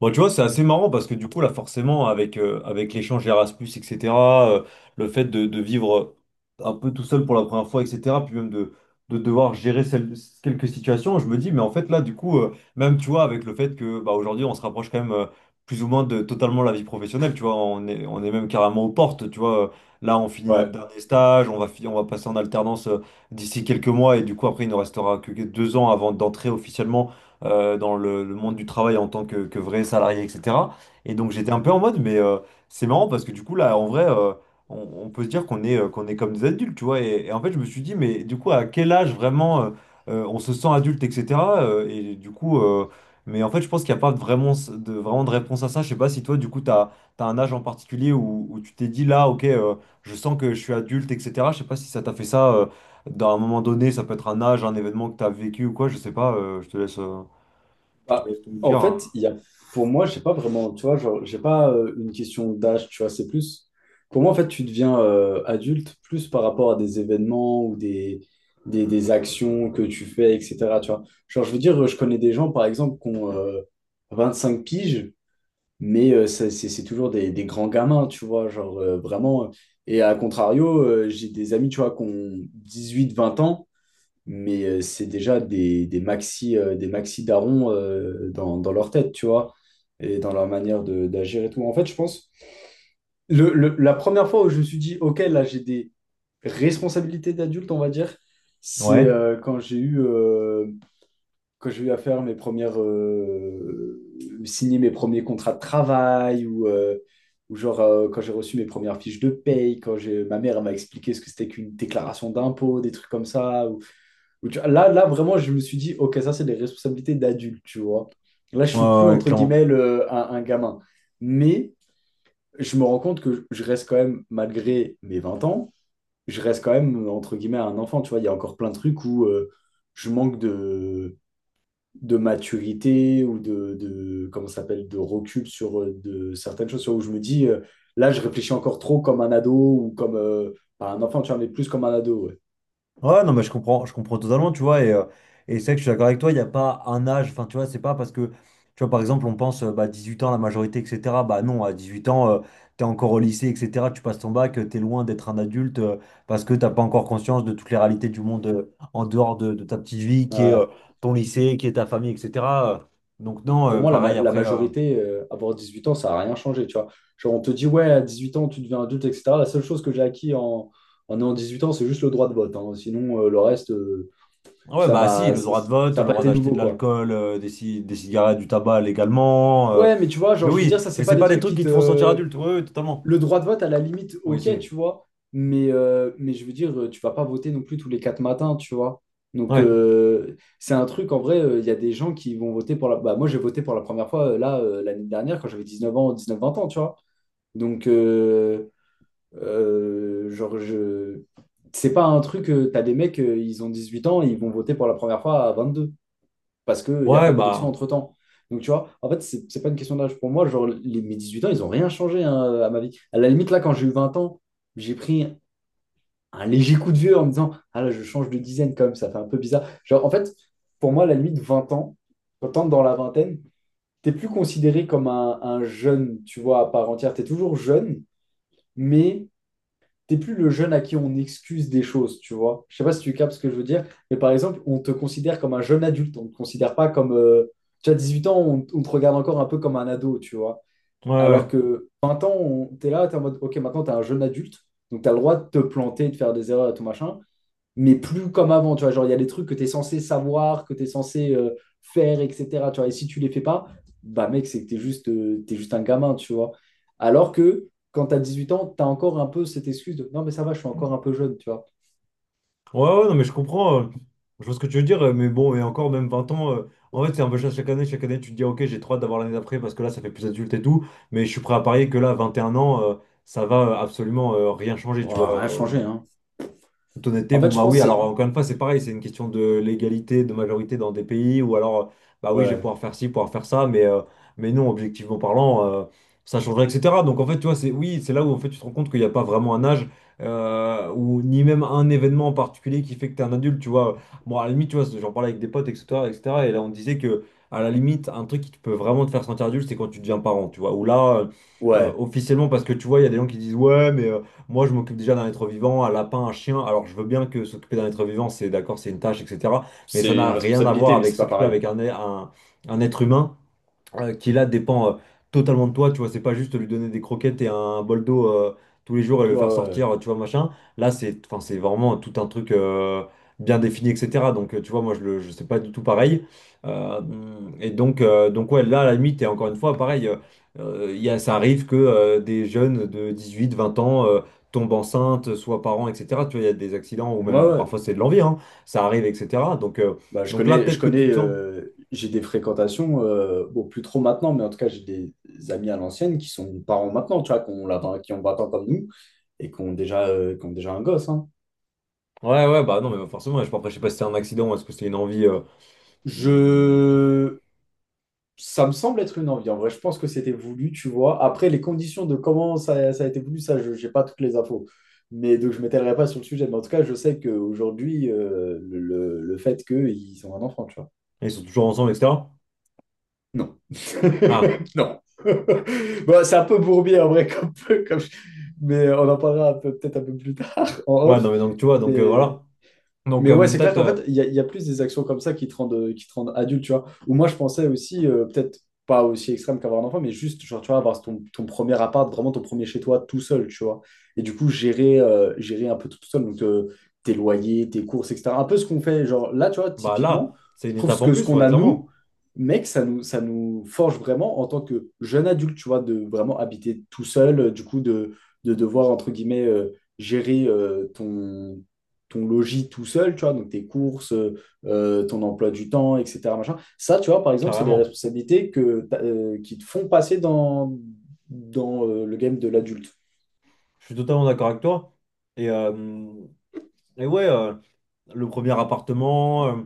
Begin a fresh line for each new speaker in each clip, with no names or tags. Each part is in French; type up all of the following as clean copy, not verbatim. Bon, tu vois, c'est assez marrant parce que du coup, là, forcément, avec l'échange Erasmus, etc., euh, le fait de vivre un peu tout seul pour la première fois, etc., puis même de devoir gérer quelques situations, je me dis, mais en fait, là, du coup, même, tu vois, avec le fait que, bah, aujourd'hui, on se rapproche quand même plus ou moins de totalement la vie professionnelle, tu vois, on est même carrément aux portes, tu vois, là, on finit notre
Ouais.
dernier stage, on va passer en alternance d'ici quelques mois, et du coup, après, il ne restera que 2 ans avant d'entrer officiellement dans le monde du travail en tant que vrai salarié, etc. Et donc j'étais un peu en mode, mais c'est marrant parce que du coup, là, en vrai, on peut se dire qu'on est comme des adultes, tu vois. Et en fait, je me suis dit, mais du coup, à quel âge vraiment on se sent adulte, etc. Et du coup, mais en fait, je pense qu'il n'y a pas vraiment de réponse à ça. Je sais pas si toi, du coup, tu as, un âge en particulier où tu t'es dit, là, ok, je sens que je suis adulte, etc. Je sais pas si ça t'a fait ça. Dans un moment donné, ça peut être un âge, un événement que tu as vécu ou quoi, je sais pas, je te laisse. Je te
Bah,
laisse tout me
en
dire.
fait, il y a, pour moi, je sais pas vraiment, tu vois, genre, j'ai pas une question d'âge, tu vois, c'est plus. Pour moi, en fait, tu deviens adulte plus par rapport à des événements ou des actions que tu fais, etc. Tu vois. Genre, je veux dire, je connais des gens, par exemple, qui ont 25 piges, mais c'est toujours des grands gamins, tu vois, genre, vraiment. Et à contrario, j'ai des amis, tu vois, qui ont 18, 20 ans. Mais c'est déjà des maxi darons dans leur tête, tu vois, et dans leur manière d'agir et tout. En fait, je pense, la première fois où je me suis dit, OK, là, j'ai des responsabilités d'adulte, on va dire, c'est
Ouais,
quand j'ai eu à faire signer mes premiers contrats de travail ou genre, quand j'ai reçu mes premières fiches de paye, ma mère elle m'a expliqué ce que c'était qu'une déclaration d'impôt, des trucs comme ça, là, là, vraiment, je me suis dit, OK, ça, c'est des responsabilités d'adulte, tu vois. Là, je
ouais,
suis
ouais,
plus,
ouais,
entre
clairement.
guillemets, un gamin. Mais je me rends compte que je reste quand même, malgré mes 20 ans, je reste quand même, entre guillemets, un enfant, tu vois. Il y a encore plein de trucs où je manque de maturité ou comment ça s'appelle, de recul sur certaines choses, sur où je me dis, là, je réfléchis encore trop comme un ado ou comme, pas un enfant, tu vois, mais plus comme un ado, ouais.
Ouais, non, mais je comprends totalement, tu vois, et c'est vrai que je suis d'accord avec toi, il n'y a pas un âge, enfin, tu vois, c'est pas parce que, tu vois, par exemple, on pense, bah, 18 ans, la majorité, etc., bah non, à 18 ans, t'es encore au lycée, etc., tu passes ton bac, t'es loin d'être un adulte, parce que t'as pas encore conscience de toutes les réalités du monde en dehors de ta petite vie, qui est
Ouais.
ton lycée, qui est ta famille, etc. Euh, Donc non,
Pour moi, la, ma-
pareil,
la
après.
majorité, avoir 18 ans, ça n'a rien changé, tu vois. Genre, on te dit, ouais, à 18 ans, tu deviens adulte, etc. La seule chose que j'ai acquis en ayant 18 ans, c'est juste le droit de vote, hein. Sinon, le reste,
Ah, ouais,
ça
bah si,
m'a,
le
ça
droit de vote,
ça
le
a pas
droit
été
d'acheter
nouveau,
de
quoi.
l'alcool, des cigarettes, du tabac légalement.
Ouais, mais tu vois,
Mais
genre, je veux dire,
oui,
ça,
mais
c'est pas
c'est
des
pas des
trucs
trucs
qui
qui te font sentir
te.
adulte. Oui, oui, totalement.
Le droit de vote, à la limite,
Oui,
ok,
si.
tu vois. Mais je veux dire, tu vas pas voter non plus tous les quatre matins, tu vois. Donc,
Ouais.
c'est un truc, en vrai, il y a des gens qui vont voter pour la. Bah, moi, j'ai voté pour la première fois, là, l'année dernière, quand j'avais 19 ans, 19-20 ans, tu vois. Donc, genre, je. C'est pas un truc, t'as des mecs, ils ont 18 ans, ils vont voter pour la première fois à 22 parce qu'il n'y a
Ouais,
pas d'élection
bah.
entre-temps. Donc, tu vois, en fait, c'est pas une question d'âge pour moi. Genre, mes 18 ans, ils ont rien changé, hein, à ma vie. À la limite, là, quand j'ai eu 20 ans, j'ai pris un léger coup de vieux en me disant, ah là, je change de dizaine quand même, ça fait un peu bizarre. Genre, en fait, pour moi, à la limite, 20 ans, quand t'entres dans la vingtaine, t'es plus considéré comme un jeune, tu vois, à part entière. T'es toujours jeune, mais t'es plus le jeune à qui on excuse des choses, tu vois. Je sais pas si tu captes ce que je veux dire, mais par exemple, on te considère comme un jeune adulte, on te considère pas comme. Tu as 18 ans, on te regarde encore un peu comme un ado, tu vois.
Ouais, ouais.
Alors que 20 ans, t'es là, t'es en mode, ok, maintenant t'es un jeune adulte, donc t'as le droit de te planter, de faire des erreurs et tout machin, mais plus comme avant, tu vois. Genre, il y a des trucs que tu es censé savoir, que tu es censé faire, etc. Tu vois, et si tu les fais pas, bah mec, c'est que t'es juste un gamin, tu vois. Alors que quand tu as 8 ans, tu as encore un peu cette excuse de non, mais ça va, je suis encore un peu jeune, tu vois.
Ouais, ouais, non, mais je comprends. Je vois ce que tu veux dire, mais bon, et encore, même 20 ans. En fait, c'est un peu ça chaque année. Chaque année, tu te dis, ok, j'ai trop hâte d'avoir l'année d'après parce que là, ça fait plus adulte et tout. Mais je suis prêt à parier que là, 21 ans, ça va absolument rien changer,
Oh,
tu
rien
vois. euh,
changé, hein.
toute honnêteté,
En fait,
bon
je
bah oui,
pense que
alors
c'est.
encore une fois, c'est pareil, c'est une question de l'égalité, de majorité dans des pays, ou alors, bah oui, je vais
Ouais,
pouvoir faire ci, pouvoir faire ça, mais non, objectivement parlant, ça changerait, etc. Donc en fait, tu vois, c'est oui, c'est là où en fait tu te rends compte qu'il n'y a pas vraiment un âge, ou ni même un événement en particulier qui fait que tu es un adulte, tu vois. Bon, à la limite, tu vois, j'en parlais avec des potes, etc., etc., et cetera, et là on disait que, à la limite, un truc qui te peut vraiment te faire sentir adulte, c'est quand tu deviens parent, tu vois, ou là,
ouais,
officiellement, parce que tu vois, il y a des gens qui disent, ouais, mais... moi, je m'occupe déjà d'un être vivant, un lapin, un chien. Alors, je veux bien que s'occuper d'un être vivant, c'est d'accord, c'est une tâche, etc. Mais ça
c'est une
n'a rien à voir
responsabilité, mais
avec
c'est pas
s'occuper
pareil.
avec un, être humain qui là dépend totalement de toi, tu vois, c'est pas juste lui donner des croquettes et un bol d'eau tous les jours et le
Ouais,
faire
ouais,
sortir, tu vois, machin. Là, c'est, enfin, c'est vraiment tout un truc bien défini, etc. Donc, tu vois, moi, je sais pas du tout pareil. Euh, et donc, ouais, là, à la limite, et encore une fois, pareil, il y a, ça arrive que des jeunes de 18, 20 ans tombent enceintes, soient parents, etc. Tu vois, il y a des accidents, ou
ouais. Ouais.
même
Ouais.
parfois c'est de l'envie, hein, ça arrive, etc. Donc, euh,
Bah, je
donc là,
connais,
peut-être que tu te sens.
j'ai des fréquentations, bon, plus trop maintenant, mais en tout cas, j'ai des amis à l'ancienne qui sont parents maintenant, tu vois, qui ont 20 ans comme nous et qui ont déjà un gosse, hein.
Ouais, ouais, bah non, mais forcément, après, je sais pas si c'était un accident ou est-ce que c'était une envie. Hmm,
Je. Ça me semble être une envie. En vrai, je pense que c'était voulu, tu vois. Après, les conditions de comment ça, ça a été voulu, ça, je n'ai pas toutes les infos. Mais donc, je ne m'étalerai pas sur le sujet. Mais en tout cas, je sais qu'aujourd'hui, le fait qu'ils ont un enfant, tu vois.
Ils sont toujours ensemble, etc.
Non.
Ah,
Non. Bon, c'est un peu bourbier en vrai, comme- mais on en parlera peut-être un peu plus tard en
ouais,
off.
non, mais donc tu vois, donc
Mais
voilà. Donc,
mais ouais,
bon,
c'est clair
peut-être,
qu'en fait, il y a plus des actions comme ça qui te rendent adulte, tu vois. Ou moi, je pensais aussi, peut-être pas aussi extrême qu'avoir un enfant, mais juste, genre, tu vois, avoir ton premier appart, vraiment ton premier chez toi, tout seul, tu vois. Et du coup, gérer un peu tout, tout seul, donc tes loyers, tes courses, etc. Un peu ce qu'on fait, genre, là, tu vois,
bah
typiquement,
là, c'est
je
une
trouve ce
étape en
que ce
plus,
qu'on
ouais,
a, nous,
clairement,
mec, ça nous forge vraiment en tant que jeune adulte, tu vois, de vraiment habiter tout seul, du coup, de devoir, entre guillemets, gérer ton logis tout seul, tu vois, donc tes courses, ton emploi du temps, etc. machin. Ça, tu vois, par exemple, c'est des
carrément.
responsabilités que, qui te font passer dans le game de l'adulte.
Je suis totalement d'accord avec toi. Et, euh, et ouais, le premier appartement.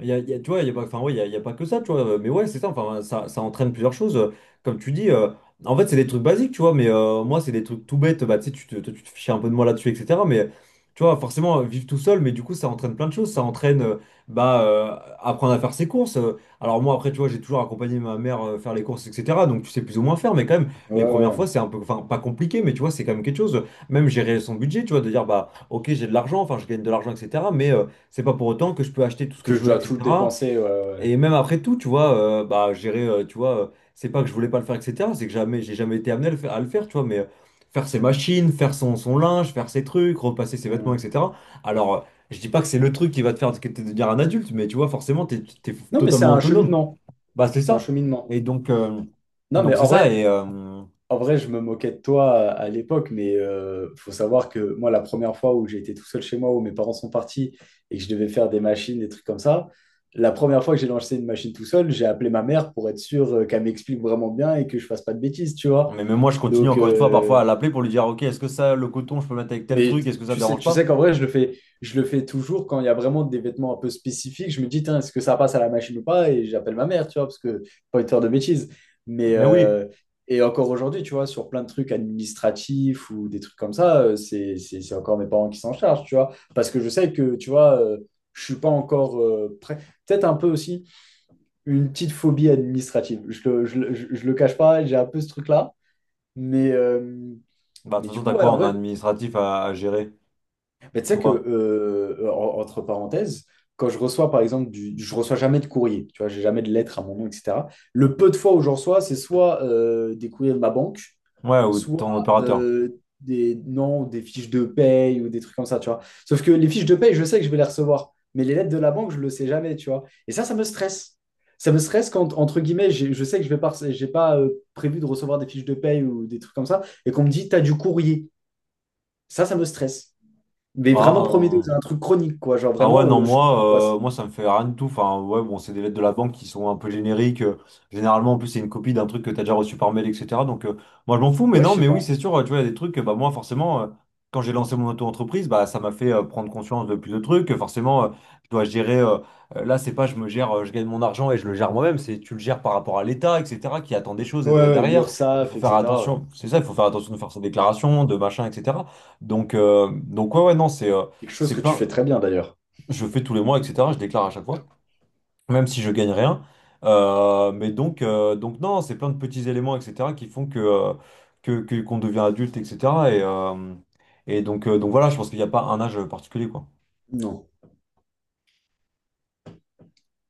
Tu vois, il y a pas, enfin, ouais, il y a pas que ça, tu vois. Mais ouais, c'est ça, enfin, ça entraîne plusieurs choses. Comme tu dis, en fait, c'est des trucs basiques, tu vois, mais moi, c'est des trucs tout bêtes. Bah, tu sais, toi, tu te fichais un peu de moi là-dessus, etc. Mais tu vois, forcément, vivre tout seul, mais du coup, ça entraîne plein de choses. Ça entraîne, bah, apprendre à faire ses courses. Alors, moi, après, tu vois, j'ai toujours accompagné ma mère faire les courses, etc. Donc, tu sais plus ou moins faire, mais quand même,
Ouais,
les
ouais,
premières
ouais.
fois, c'est un peu, enfin, pas compliqué, mais tu vois, c'est quand même quelque chose. Même gérer son budget, tu vois, de dire, bah, ok, j'ai de l'argent, enfin, je gagne de l'argent, etc. Mais. C'est pas pour autant que je peux acheter tout ce que
Que
je
je
veux,
dois tout le
etc.
dépenser, ouais, ouais. Ouais.
Et même après tout, tu vois, bah, gérer, tu vois, c'est pas que je voulais pas le faire, etc. C'est que jamais, j'ai jamais été amené à le faire, tu vois, mais faire ses machines, faire son linge, faire ses trucs, repasser ses vêtements,
Hmm.
etc. Alors, je dis pas que c'est le truc qui va te faire te devenir un adulte, mais tu vois, forcément, t'es
Non, mais c'est
totalement
un
autonome.
cheminement.
Bah, c'est
C'est un
ça.
cheminement.
Et donc, euh,
Non, mais
donc c'est
en
ça.
vrai. En vrai, je me moquais de toi à l'époque, mais faut savoir que moi, la première fois où j'ai été tout seul chez moi, où mes parents sont partis et que je devais faire des machines, des trucs comme ça, la première fois que j'ai lancé une machine tout seul, j'ai appelé ma mère pour être sûr, qu'elle m'explique vraiment bien et que je fasse pas de bêtises, tu vois.
Mais même moi, je continue
Donc,
encore une fois parfois à l'appeler pour lui dire, OK, est-ce que ça, le coton, je peux le mettre avec tel
mais
truc, est-ce que ça te dérange
tu
pas?
sais qu'en vrai, je le fais toujours quand il y a vraiment des vêtements un peu spécifiques. Je me dis, tiens, est-ce que ça passe à la machine ou pas? Et j'appelle ma mère, tu vois, parce que pas envie de faire de bêtises. Mais
Mais oui.
et encore aujourd'hui, tu vois, sur plein de trucs administratifs ou des trucs comme ça, c'est encore mes parents qui s'en chargent, tu vois. Parce que je sais que, tu vois, je suis pas encore prêt. Peut-être un peu aussi une petite phobie administrative. Je le cache pas, j'ai un peu ce truc-là. Mais, euh,
Bah, de
mais
toute
du
façon,
coup,
t'as
ouais,
quoi
en
en
vrai.
administratif à gérer?
Mais tu sais que,
Toi?
entre parenthèses, quand je reçois, par exemple, je reçois jamais de courrier, tu vois, j'ai jamais de lettres à mon nom, etc. Le peu de fois où j'en reçois, c'est soit des courriers de ma banque,
Ouais, ou
soit
ton opérateur?
des, non, des fiches de paye ou des trucs comme ça, tu vois. Sauf que les fiches de paye, je sais que je vais les recevoir, mais les lettres de la banque, je le sais jamais, tu vois. Et ça me stresse. Ça me stresse quand, entre guillemets, je sais que je vais pas, j'ai pas prévu de recevoir des fiches de paye ou des trucs comme ça, et qu'on me dit, t'as du courrier. Ça me stresse. Mais vraiment
Ah,
Prometheus,
euh,
c'est un truc chronique, quoi. Genre
Ah ouais,
vraiment,
non,
je suis en
moi,
angoisse.
moi ça me fait rien du tout. Enfin, ouais, bon, c'est des lettres de la banque qui sont un peu génériques. Généralement, en plus, c'est une copie d'un truc que t'as déjà reçu par mail, etc. Donc, moi, je m'en fous, mais
Ouais,
non,
je sais
mais oui,
pas.
c'est sûr, tu vois, il y a des trucs, que, bah, moi, forcément, quand j'ai lancé mon auto-entreprise, bah, ça m'a fait prendre conscience de plus de trucs. Forcément, je dois gérer. Là, c'est pas je me gère, je gagne mon argent et je le gère moi-même, c'est tu le gères par rapport à l'État, etc., qui attend des choses
Ouais,
et
ouais,
derrière. Il
l'URSSAF,
faut faire
etc.
attention, c'est ça, il faut faire attention de faire sa déclaration, de machin, etc. Donc ouais, ouais, non,
Quelque chose
c'est
que tu
plein
fais très bien d'ailleurs.
je fais tous les mois, etc. Je déclare à chaque fois, même si je gagne rien. Mais donc non, c'est plein de petits éléments, etc., qui font qu'on devient adulte, etc. Et, euh, et donc voilà, je pense qu'il n'y a pas un âge particulier, quoi.
Non.